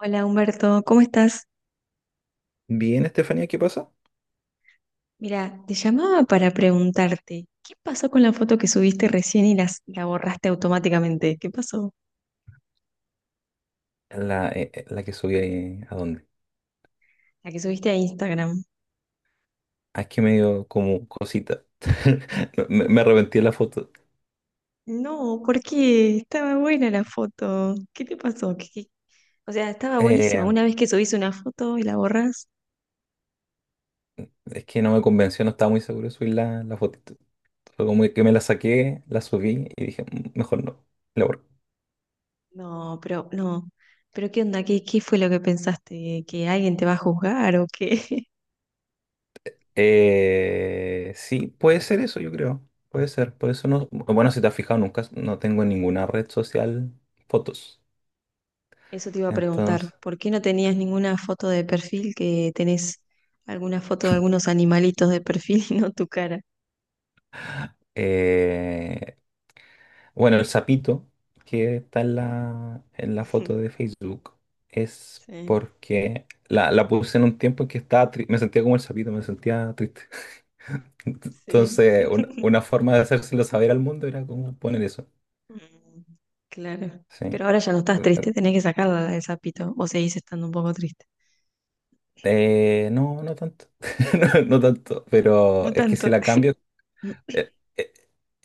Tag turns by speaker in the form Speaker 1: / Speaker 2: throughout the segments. Speaker 1: Hola Humberto, ¿cómo estás?
Speaker 2: Bien, Estefanía, ¿qué pasa?
Speaker 1: Mira, te llamaba para preguntarte, ¿qué pasó con la foto que subiste recién y la borraste automáticamente? ¿Qué pasó?
Speaker 2: La que subí ahí, ¿a dónde?
Speaker 1: La que subiste a Instagram.
Speaker 2: Ah, es que me dio como cosita. Me arrepentí de la foto.
Speaker 1: No, ¿por qué? Estaba buena la foto. ¿Qué te pasó? O sea, estaba buenísima.
Speaker 2: Eh,
Speaker 1: Una vez que subís una foto y la borras,
Speaker 2: es que no me convenció, no estaba muy seguro de subir la fotito. Fue como que me la saqué, la subí y dije, "Mm, mejor no, la borro".
Speaker 1: no, pero no. ¿Pero qué onda? ¿Qué fue lo que pensaste? ¿Que alguien te va a juzgar o qué?
Speaker 2: Sí, puede ser eso, yo creo. Puede ser. Por eso no. Bueno, si te has fijado, nunca no tengo en ninguna red social fotos.
Speaker 1: Eso te iba a preguntar,
Speaker 2: Entonces,
Speaker 1: ¿por qué no tenías ninguna foto de perfil que tenés alguna foto de algunos animalitos de perfil y no tu cara?
Speaker 2: eh, bueno, el sapito que está en la foto de Facebook es
Speaker 1: Sí,
Speaker 2: porque la puse en un tiempo en que estaba me sentía como el sapito, me sentía triste.
Speaker 1: sí.
Speaker 2: Entonces, una forma de hacérselo saber al mundo era como poner eso.
Speaker 1: Mm, claro.
Speaker 2: Sí.
Speaker 1: Pero ahora ya no estás triste, tenés que sacarla la del sapito, o seguís estando un poco triste.
Speaker 2: No, no tanto. No, no tanto.
Speaker 1: No
Speaker 2: Pero es que si
Speaker 1: tanto.
Speaker 2: la cambio.
Speaker 1: Mm,
Speaker 2: eh, eh,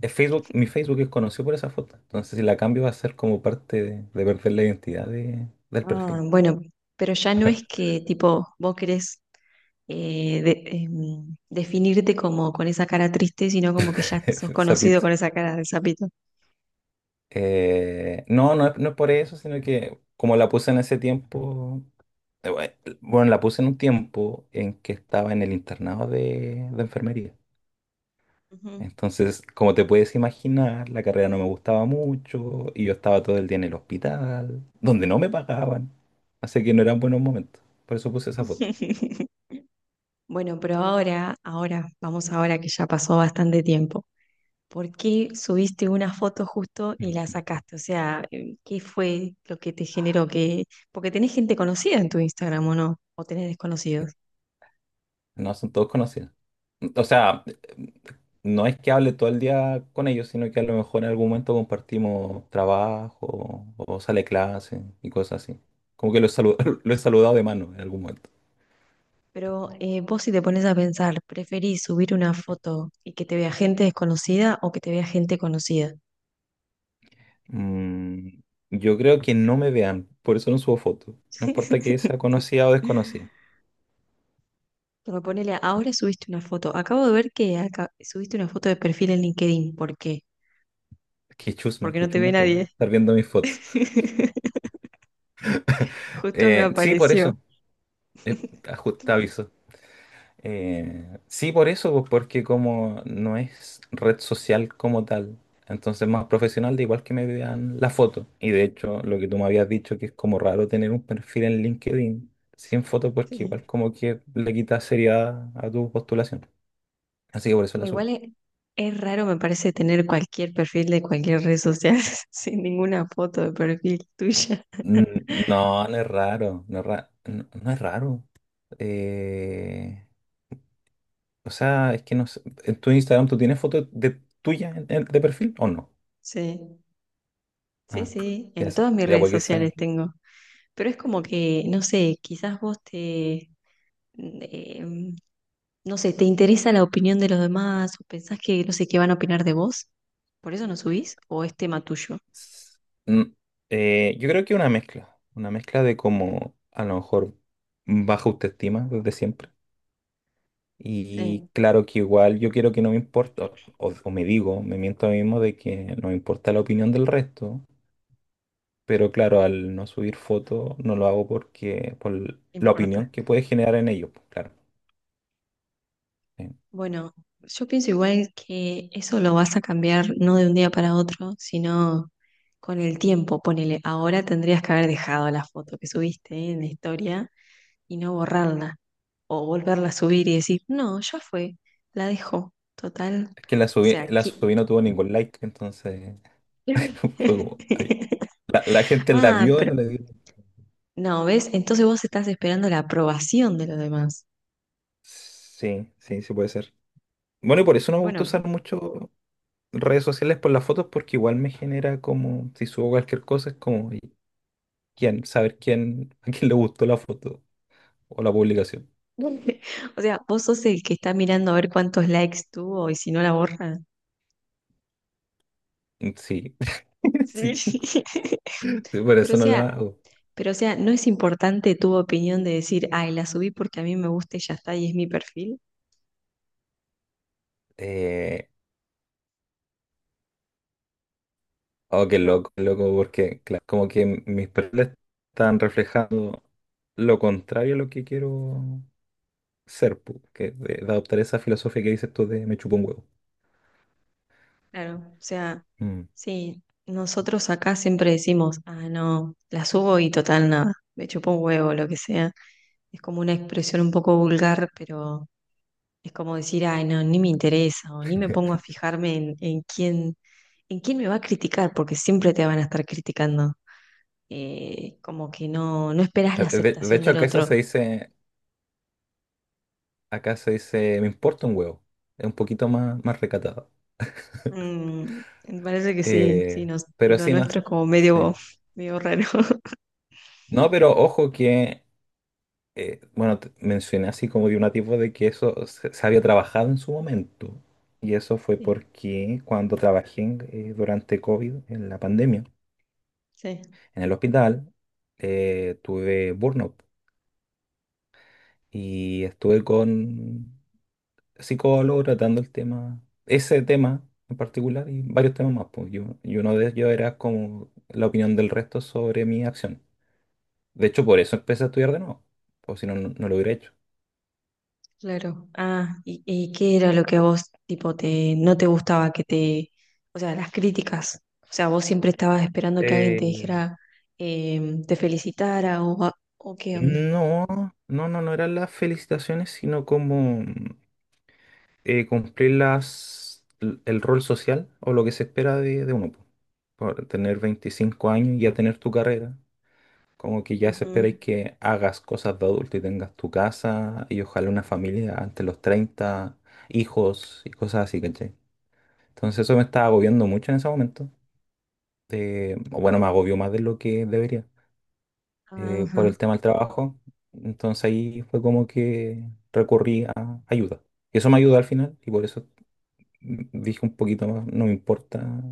Speaker 2: Facebook, mi Facebook es conocido por esa foto. Entonces, si la cambio, va a ser como parte de perder la identidad del
Speaker 1: ah,
Speaker 2: perfil.
Speaker 1: bueno, pero ya no es que tipo vos querés definirte como con esa cara triste, sino como que ya sos conocido
Speaker 2: Sapito.
Speaker 1: con esa cara del sapito.
Speaker 2: No, no es, no es por eso, sino que como la puse en ese tiempo, bueno, la puse en un tiempo en que estaba en el internado de enfermería.
Speaker 1: Ujú.
Speaker 2: Entonces, como te puedes imaginar, la carrera no me gustaba mucho y yo estaba todo el día en el hospital, donde no me pagaban. Así que no eran buenos momentos. Por eso puse esa foto.
Speaker 1: Bueno, pero vamos ahora que ya pasó bastante tiempo. ¿Por qué subiste una foto justo y la sacaste? O sea, ¿qué fue lo que te generó? Que porque tenés gente conocida en tu Instagram, ¿o no? O tenés desconocidos.
Speaker 2: No, son todos conocidos. O sea, no es que hable todo el día con ellos, sino que a lo mejor en algún momento compartimos trabajo o sale clase y cosas así. Como que lo he saludado de mano en algún momento.
Speaker 1: Pero vos si te pones a pensar, ¿preferís subir una foto y que te vea gente desconocida o que te vea gente conocida?
Speaker 2: Mm, yo creo que no me vean, por eso no subo fotos. No importa que sea conocida o desconocida.
Speaker 1: Pero ponele, ahora subiste una foto. Acabo de ver que subiste una foto de perfil en LinkedIn. ¿Por qué? Porque
Speaker 2: Qué
Speaker 1: no te ve
Speaker 2: chusma tú,
Speaker 1: nadie.
Speaker 2: estar viendo mis fotos.
Speaker 1: Justo me
Speaker 2: Sí, por eso.
Speaker 1: apareció.
Speaker 2: Eh, ajusta. Sí, por eso, pues, porque como no es red social como tal, entonces más profesional, de igual que me vean la foto. Y de hecho, lo que tú me habías dicho, que es como raro tener un perfil en LinkedIn sin foto, porque
Speaker 1: Sí.
Speaker 2: igual como que le quita seriedad a tu postulación. Así que por eso la subí.
Speaker 1: Igual es, es raro, me parece, tener cualquier perfil de cualquier red social sin ninguna foto de perfil tuya.
Speaker 2: No, no es raro, no es raro. Eh, o sea, es que no sé, ¿en tu Instagram tú tienes fotos de tuya de perfil o no?
Speaker 1: Sí, sí,
Speaker 2: Ah,
Speaker 1: sí,
Speaker 2: ya,
Speaker 1: en todas mis
Speaker 2: ya
Speaker 1: redes
Speaker 2: puede que sea.
Speaker 1: sociales tengo. Pero es como que, no sé, eh, no sé, te interesa la opinión de los demás o pensás que, no sé, qué van a opinar de vos. ¿Por eso no subís? ¿O es tema tuyo?
Speaker 2: S- yo creo que una mezcla de como a lo mejor baja autoestima desde siempre. Y
Speaker 1: Sí,
Speaker 2: claro que igual yo quiero que no me importa, o me digo, me miento a mí mismo de que no me importa la opinión del resto, pero claro, al no subir fotos no lo hago porque por
Speaker 1: no
Speaker 2: la
Speaker 1: importa.
Speaker 2: opinión que puede generar en ellos, pues, claro. Eh,
Speaker 1: Bueno, yo pienso igual que eso lo vas a cambiar no de un día para otro, sino con el tiempo. Ponele, ahora tendrías que haber dejado la foto que subiste en la historia y no borrarla o volverla a subir y decir, no, ya fue, la dejo, total. O
Speaker 2: Es que la subí,
Speaker 1: sea,
Speaker 2: la
Speaker 1: aquí.
Speaker 2: subí no tuvo ningún like, entonces fue como, ay, la gente la
Speaker 1: Ah,
Speaker 2: vio y
Speaker 1: pero
Speaker 2: no le dio.
Speaker 1: no, ¿ves? Entonces vos estás esperando la aprobación de los demás.
Speaker 2: Sí, sí, sí puede ser. Bueno, y por eso no me gusta usar
Speaker 1: Bueno,
Speaker 2: mucho redes sociales por las fotos, porque igual me genera como, si subo cualquier cosa, es como, ¿y quién? Saber quién, a quién le gustó la foto o la publicación.
Speaker 1: o sea, vos sos el que está mirando a ver cuántos likes tuvo y si no la borra.
Speaker 2: Mm. Sí,
Speaker 1: Sí,
Speaker 2: sí, sí, por
Speaker 1: Pero o
Speaker 2: eso no lo
Speaker 1: sea,
Speaker 2: hago.
Speaker 1: pero o sea, no es importante tu opinión de decir, ay, la subí porque a mí me gusta y ya está y es mi perfil.
Speaker 2: Eh, oh,
Speaker 1: No,
Speaker 2: qué loco, porque claro, como que mis perfiles están reflejando lo contrario a lo que quiero ser, pu, que de adoptar esa filosofía que dices tú de me chupo un huevo.
Speaker 1: claro. O sea,
Speaker 2: Mm.
Speaker 1: sí, nosotros acá siempre decimos, ah, no, la subo y total nada, me chupó un huevo, lo que sea. Es como una expresión un poco vulgar, pero es como decir, ay, no, ni me interesa o ni me pongo a fijarme en quién, en quién me va a criticar, porque siempre te van a estar criticando. Como que no, no esperas la
Speaker 2: De
Speaker 1: aceptación
Speaker 2: hecho,
Speaker 1: del
Speaker 2: acá eso
Speaker 1: otro.
Speaker 2: se dice Acá se dice, me importa un huevo. Es un poquito más, más recatado.
Speaker 1: Mm, me parece que sí, sí, nos,
Speaker 2: Pero
Speaker 1: lo
Speaker 2: sí, no
Speaker 1: nuestro
Speaker 2: sé.
Speaker 1: es como
Speaker 2: Sí.
Speaker 1: medio, medio raro.
Speaker 2: No, pero ojo que, bueno, mencioné así como de una tipo de que eso se había trabajado en su momento. Y eso fue
Speaker 1: Sí,
Speaker 2: porque cuando trabajé durante COVID, en la pandemia,
Speaker 1: sí,
Speaker 2: en el hospital, tuve burnout y estuve con psicólogo tratando el tema, ese tema en particular y varios temas más. Pues yo, y uno de ellos era como la opinión del resto sobre mi acción. De hecho, por eso empecé a estudiar de nuevo, pues si no, no lo hubiera hecho.
Speaker 1: claro. Ah, ¿y qué era lo que a vos, tipo, te, no te gustaba que te, o sea, las críticas, o sea, vos siempre estabas esperando que alguien
Speaker 2: Eh,
Speaker 1: te dijera, te felicitara o, o qué onda?
Speaker 2: No, no, no, no eran las felicitaciones, sino como cumplir el rol social o lo que se espera de uno, po. Por tener 25 años y ya tener tu carrera. Como que ya eso
Speaker 1: Ujú.
Speaker 2: esperáis que hagas cosas de adulto y tengas tu casa y ojalá una familia antes de los 30 hijos y cosas así, ¿cachai? Entonces eso me estaba agobiando mucho en ese momento. O bueno, me agobió más de lo que debería por
Speaker 1: Ajá.
Speaker 2: el tema del trabajo. Entonces ahí fue como que recurrí a ayuda. Y eso me ayudó al final y por eso dije un poquito más, no me importa.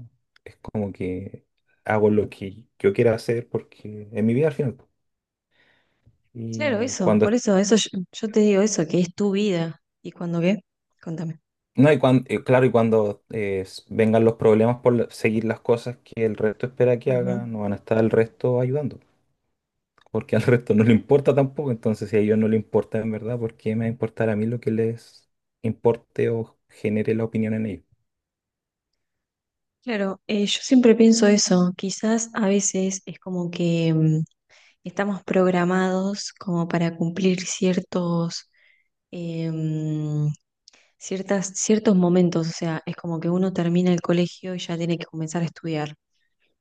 Speaker 2: Es como que hago lo que yo quiera hacer porque es mi vida al final.
Speaker 1: Claro,
Speaker 2: Y
Speaker 1: eso, por
Speaker 2: cuando.
Speaker 1: eso, eso yo te digo eso, que es tu vida. ¿Y cuando qué? Contame.
Speaker 2: No, y cuando, claro, y cuando, vengan los problemas seguir las cosas que el resto espera que haga,
Speaker 1: Ujú.
Speaker 2: no van a estar al resto ayudando, porque al resto no le importa tampoco, entonces si a ellos no le importa en verdad, ¿por qué me va a importar a mí lo que les importe o genere la opinión en ellos?
Speaker 1: Claro, yo siempre pienso eso, quizás a veces es como que mm, estamos programados como para cumplir ciertos, em, ciertas, ciertos momentos, o sea, es como que uno termina el colegio y ya tiene que comenzar a estudiar,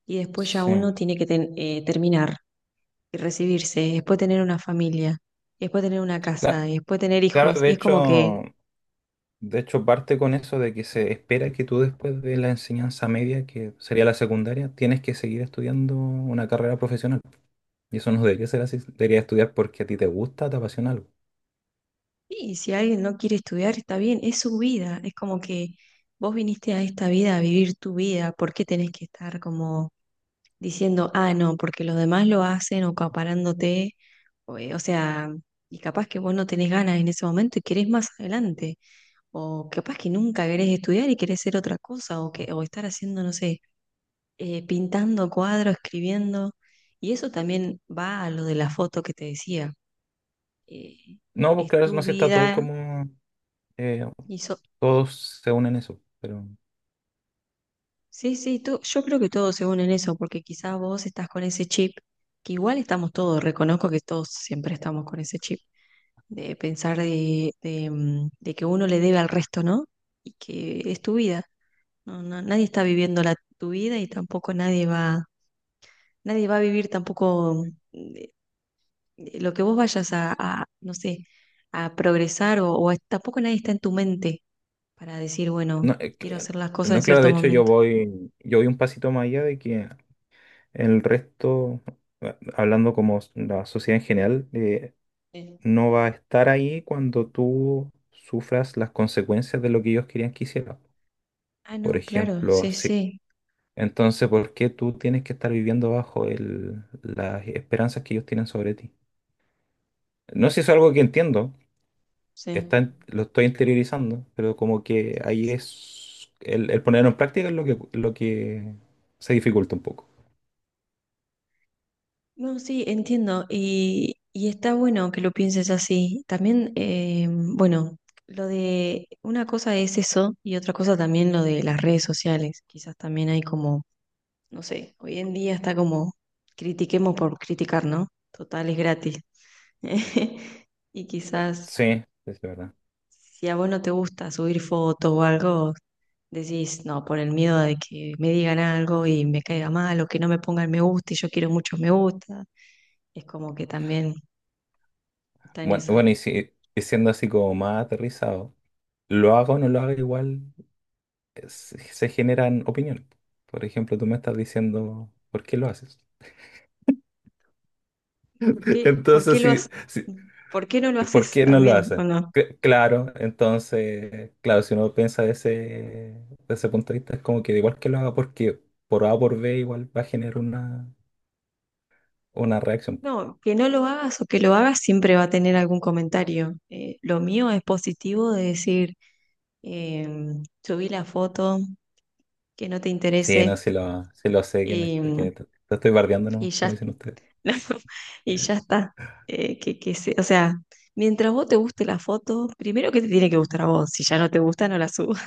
Speaker 1: y después ya
Speaker 2: Sí,
Speaker 1: uno tiene que terminar y recibirse, y después tener una familia, y después tener una
Speaker 2: Cla-
Speaker 1: casa, y después tener
Speaker 2: claro,
Speaker 1: hijos,
Speaker 2: de
Speaker 1: y es como que
Speaker 2: hecho, de hecho parte con eso de que se espera que tú después de la enseñanza media, que sería la secundaria, tienes que seguir estudiando una carrera profesional. Y eso no debería ser así, debería estudiar porque a ti te gusta, te apasiona algo.
Speaker 1: y si alguien no quiere estudiar, está bien, es su vida. Es como que vos viniste a esta vida a vivir tu vida. ¿Por qué tenés que estar como diciendo, ah, no, porque los demás lo hacen o acaparándote? O sea, y capaz que vos no tenés ganas en ese momento y querés más adelante. O capaz que nunca querés estudiar y querés ser otra cosa. O, que, o estar haciendo, no sé, pintando cuadros, escribiendo. Y eso también va a lo de la foto que te decía. eh,
Speaker 2: No, pues
Speaker 1: es
Speaker 2: claro,
Speaker 1: tu
Speaker 2: no sé, está todo
Speaker 1: vida.
Speaker 2: como, eh,
Speaker 1: Y so-
Speaker 2: todos se unen en eso, pero.
Speaker 1: Sí, yo creo que todos se unen en eso, porque quizás vos estás con ese chip, que igual estamos todos, reconozco que todos siempre estamos con ese chip, de pensar mm, de que uno le debe al resto, ¿no? Y que es tu vida, no, nadie está viviendo la, tu vida y tampoco nadie va, nadie va a vivir tampoco mm, de- de lo que vos vayas a no sé, a progresar o, tampoco nadie está en tu mente para decir, bueno,
Speaker 2: No,
Speaker 1: quiero hacer las cosas
Speaker 2: no,
Speaker 1: en
Speaker 2: claro,
Speaker 1: cierto
Speaker 2: de hecho yo
Speaker 1: momento.
Speaker 2: voy, yo voy un pasito más allá de que el resto, hablando como la sociedad en general,
Speaker 1: Sí.
Speaker 2: no va a estar ahí cuando tú sufras las consecuencias de lo que ellos querían que hicieras.
Speaker 1: Ah,
Speaker 2: Por
Speaker 1: no, claro,
Speaker 2: ejemplo,
Speaker 1: sí,
Speaker 2: sí.
Speaker 1: sí.
Speaker 2: Entonces, ¿por qué tú tienes que estar viviendo bajo las esperanzas que ellos tienen sobre ti? No sé si es algo que entiendo,
Speaker 1: Sí.
Speaker 2: lo estoy interiorizando, pero como que
Speaker 1: Sí, sí,
Speaker 2: ahí
Speaker 1: sí.
Speaker 2: es el ponerlo en práctica es lo que se dificulta un poco.
Speaker 1: No, sí, entiendo. Y está bueno que lo pienses así. También, bueno, lo de una cosa es eso y otra cosa también lo de las redes sociales. Quizás también hay como, no sé, hoy en día está como critiquemos por criticar, ¿no? Total, es gratis. Y quizás
Speaker 2: Sí, sí, es verdad.
Speaker 1: si a vos no te gusta subir fotos o algo, decís, no, por el miedo de que me digan algo y me caiga mal o que no me pongan me gusta y yo quiero muchos me gusta. Es como que también está en
Speaker 2: Bueno,
Speaker 1: eso.
Speaker 2: bueno, y si y siendo así como más aterrizado, lo haga o no lo haga igual, se generan opiniones. Por ejemplo, tú me estás diciendo, ¿por qué lo haces?
Speaker 1: ¿Por qué, por qué
Speaker 2: Entonces,
Speaker 1: lo has-
Speaker 2: si, si,
Speaker 1: ¿Por qué no lo
Speaker 2: ¿por
Speaker 1: haces
Speaker 2: qué no lo
Speaker 1: también o
Speaker 2: hacen?
Speaker 1: no?
Speaker 2: Claro, entonces, claro, si uno piensa de ese punto de vista, es como que da igual que lo haga porque por A o por B igual va a generar una reacción.
Speaker 1: No, que no lo hagas o que lo hagas siempre va a tener algún comentario. Lo mío es positivo de decir, eh, subí la foto, que no te
Speaker 2: Sí,
Speaker 1: interese
Speaker 2: no, sí lo sé, que, me,
Speaker 1: y,
Speaker 2: que te, te estoy bardeando
Speaker 1: y
Speaker 2: nomás, como
Speaker 1: ya,
Speaker 2: dicen ustedes.
Speaker 1: y ya está. O sea, mientras vos te guste la foto, primero que te tiene que gustar a vos. Si ya no te gusta, no la subas.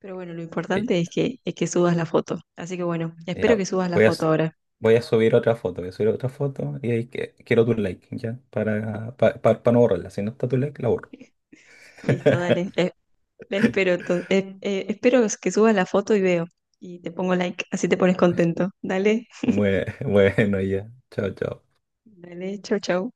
Speaker 1: Pero bueno, lo
Speaker 2: Y-
Speaker 1: importante es que subas la foto. Así que bueno,
Speaker 2: y
Speaker 1: espero
Speaker 2: ya,
Speaker 1: que subas la
Speaker 2: voy a,
Speaker 1: foto
Speaker 2: s-
Speaker 1: ahora.
Speaker 2: voy a subir otra foto, voy a subir otra foto y ahí quiero tu like, ¿ya? Para no borrarla. Si no está tu like, la borro.
Speaker 1: Listo, dale. La espero, entonces, espero que subas la foto y veo. Y te pongo like, así te pones contento. Dale,
Speaker 2: Bueno, ya. Chao, chao.
Speaker 1: dale, chau, chau.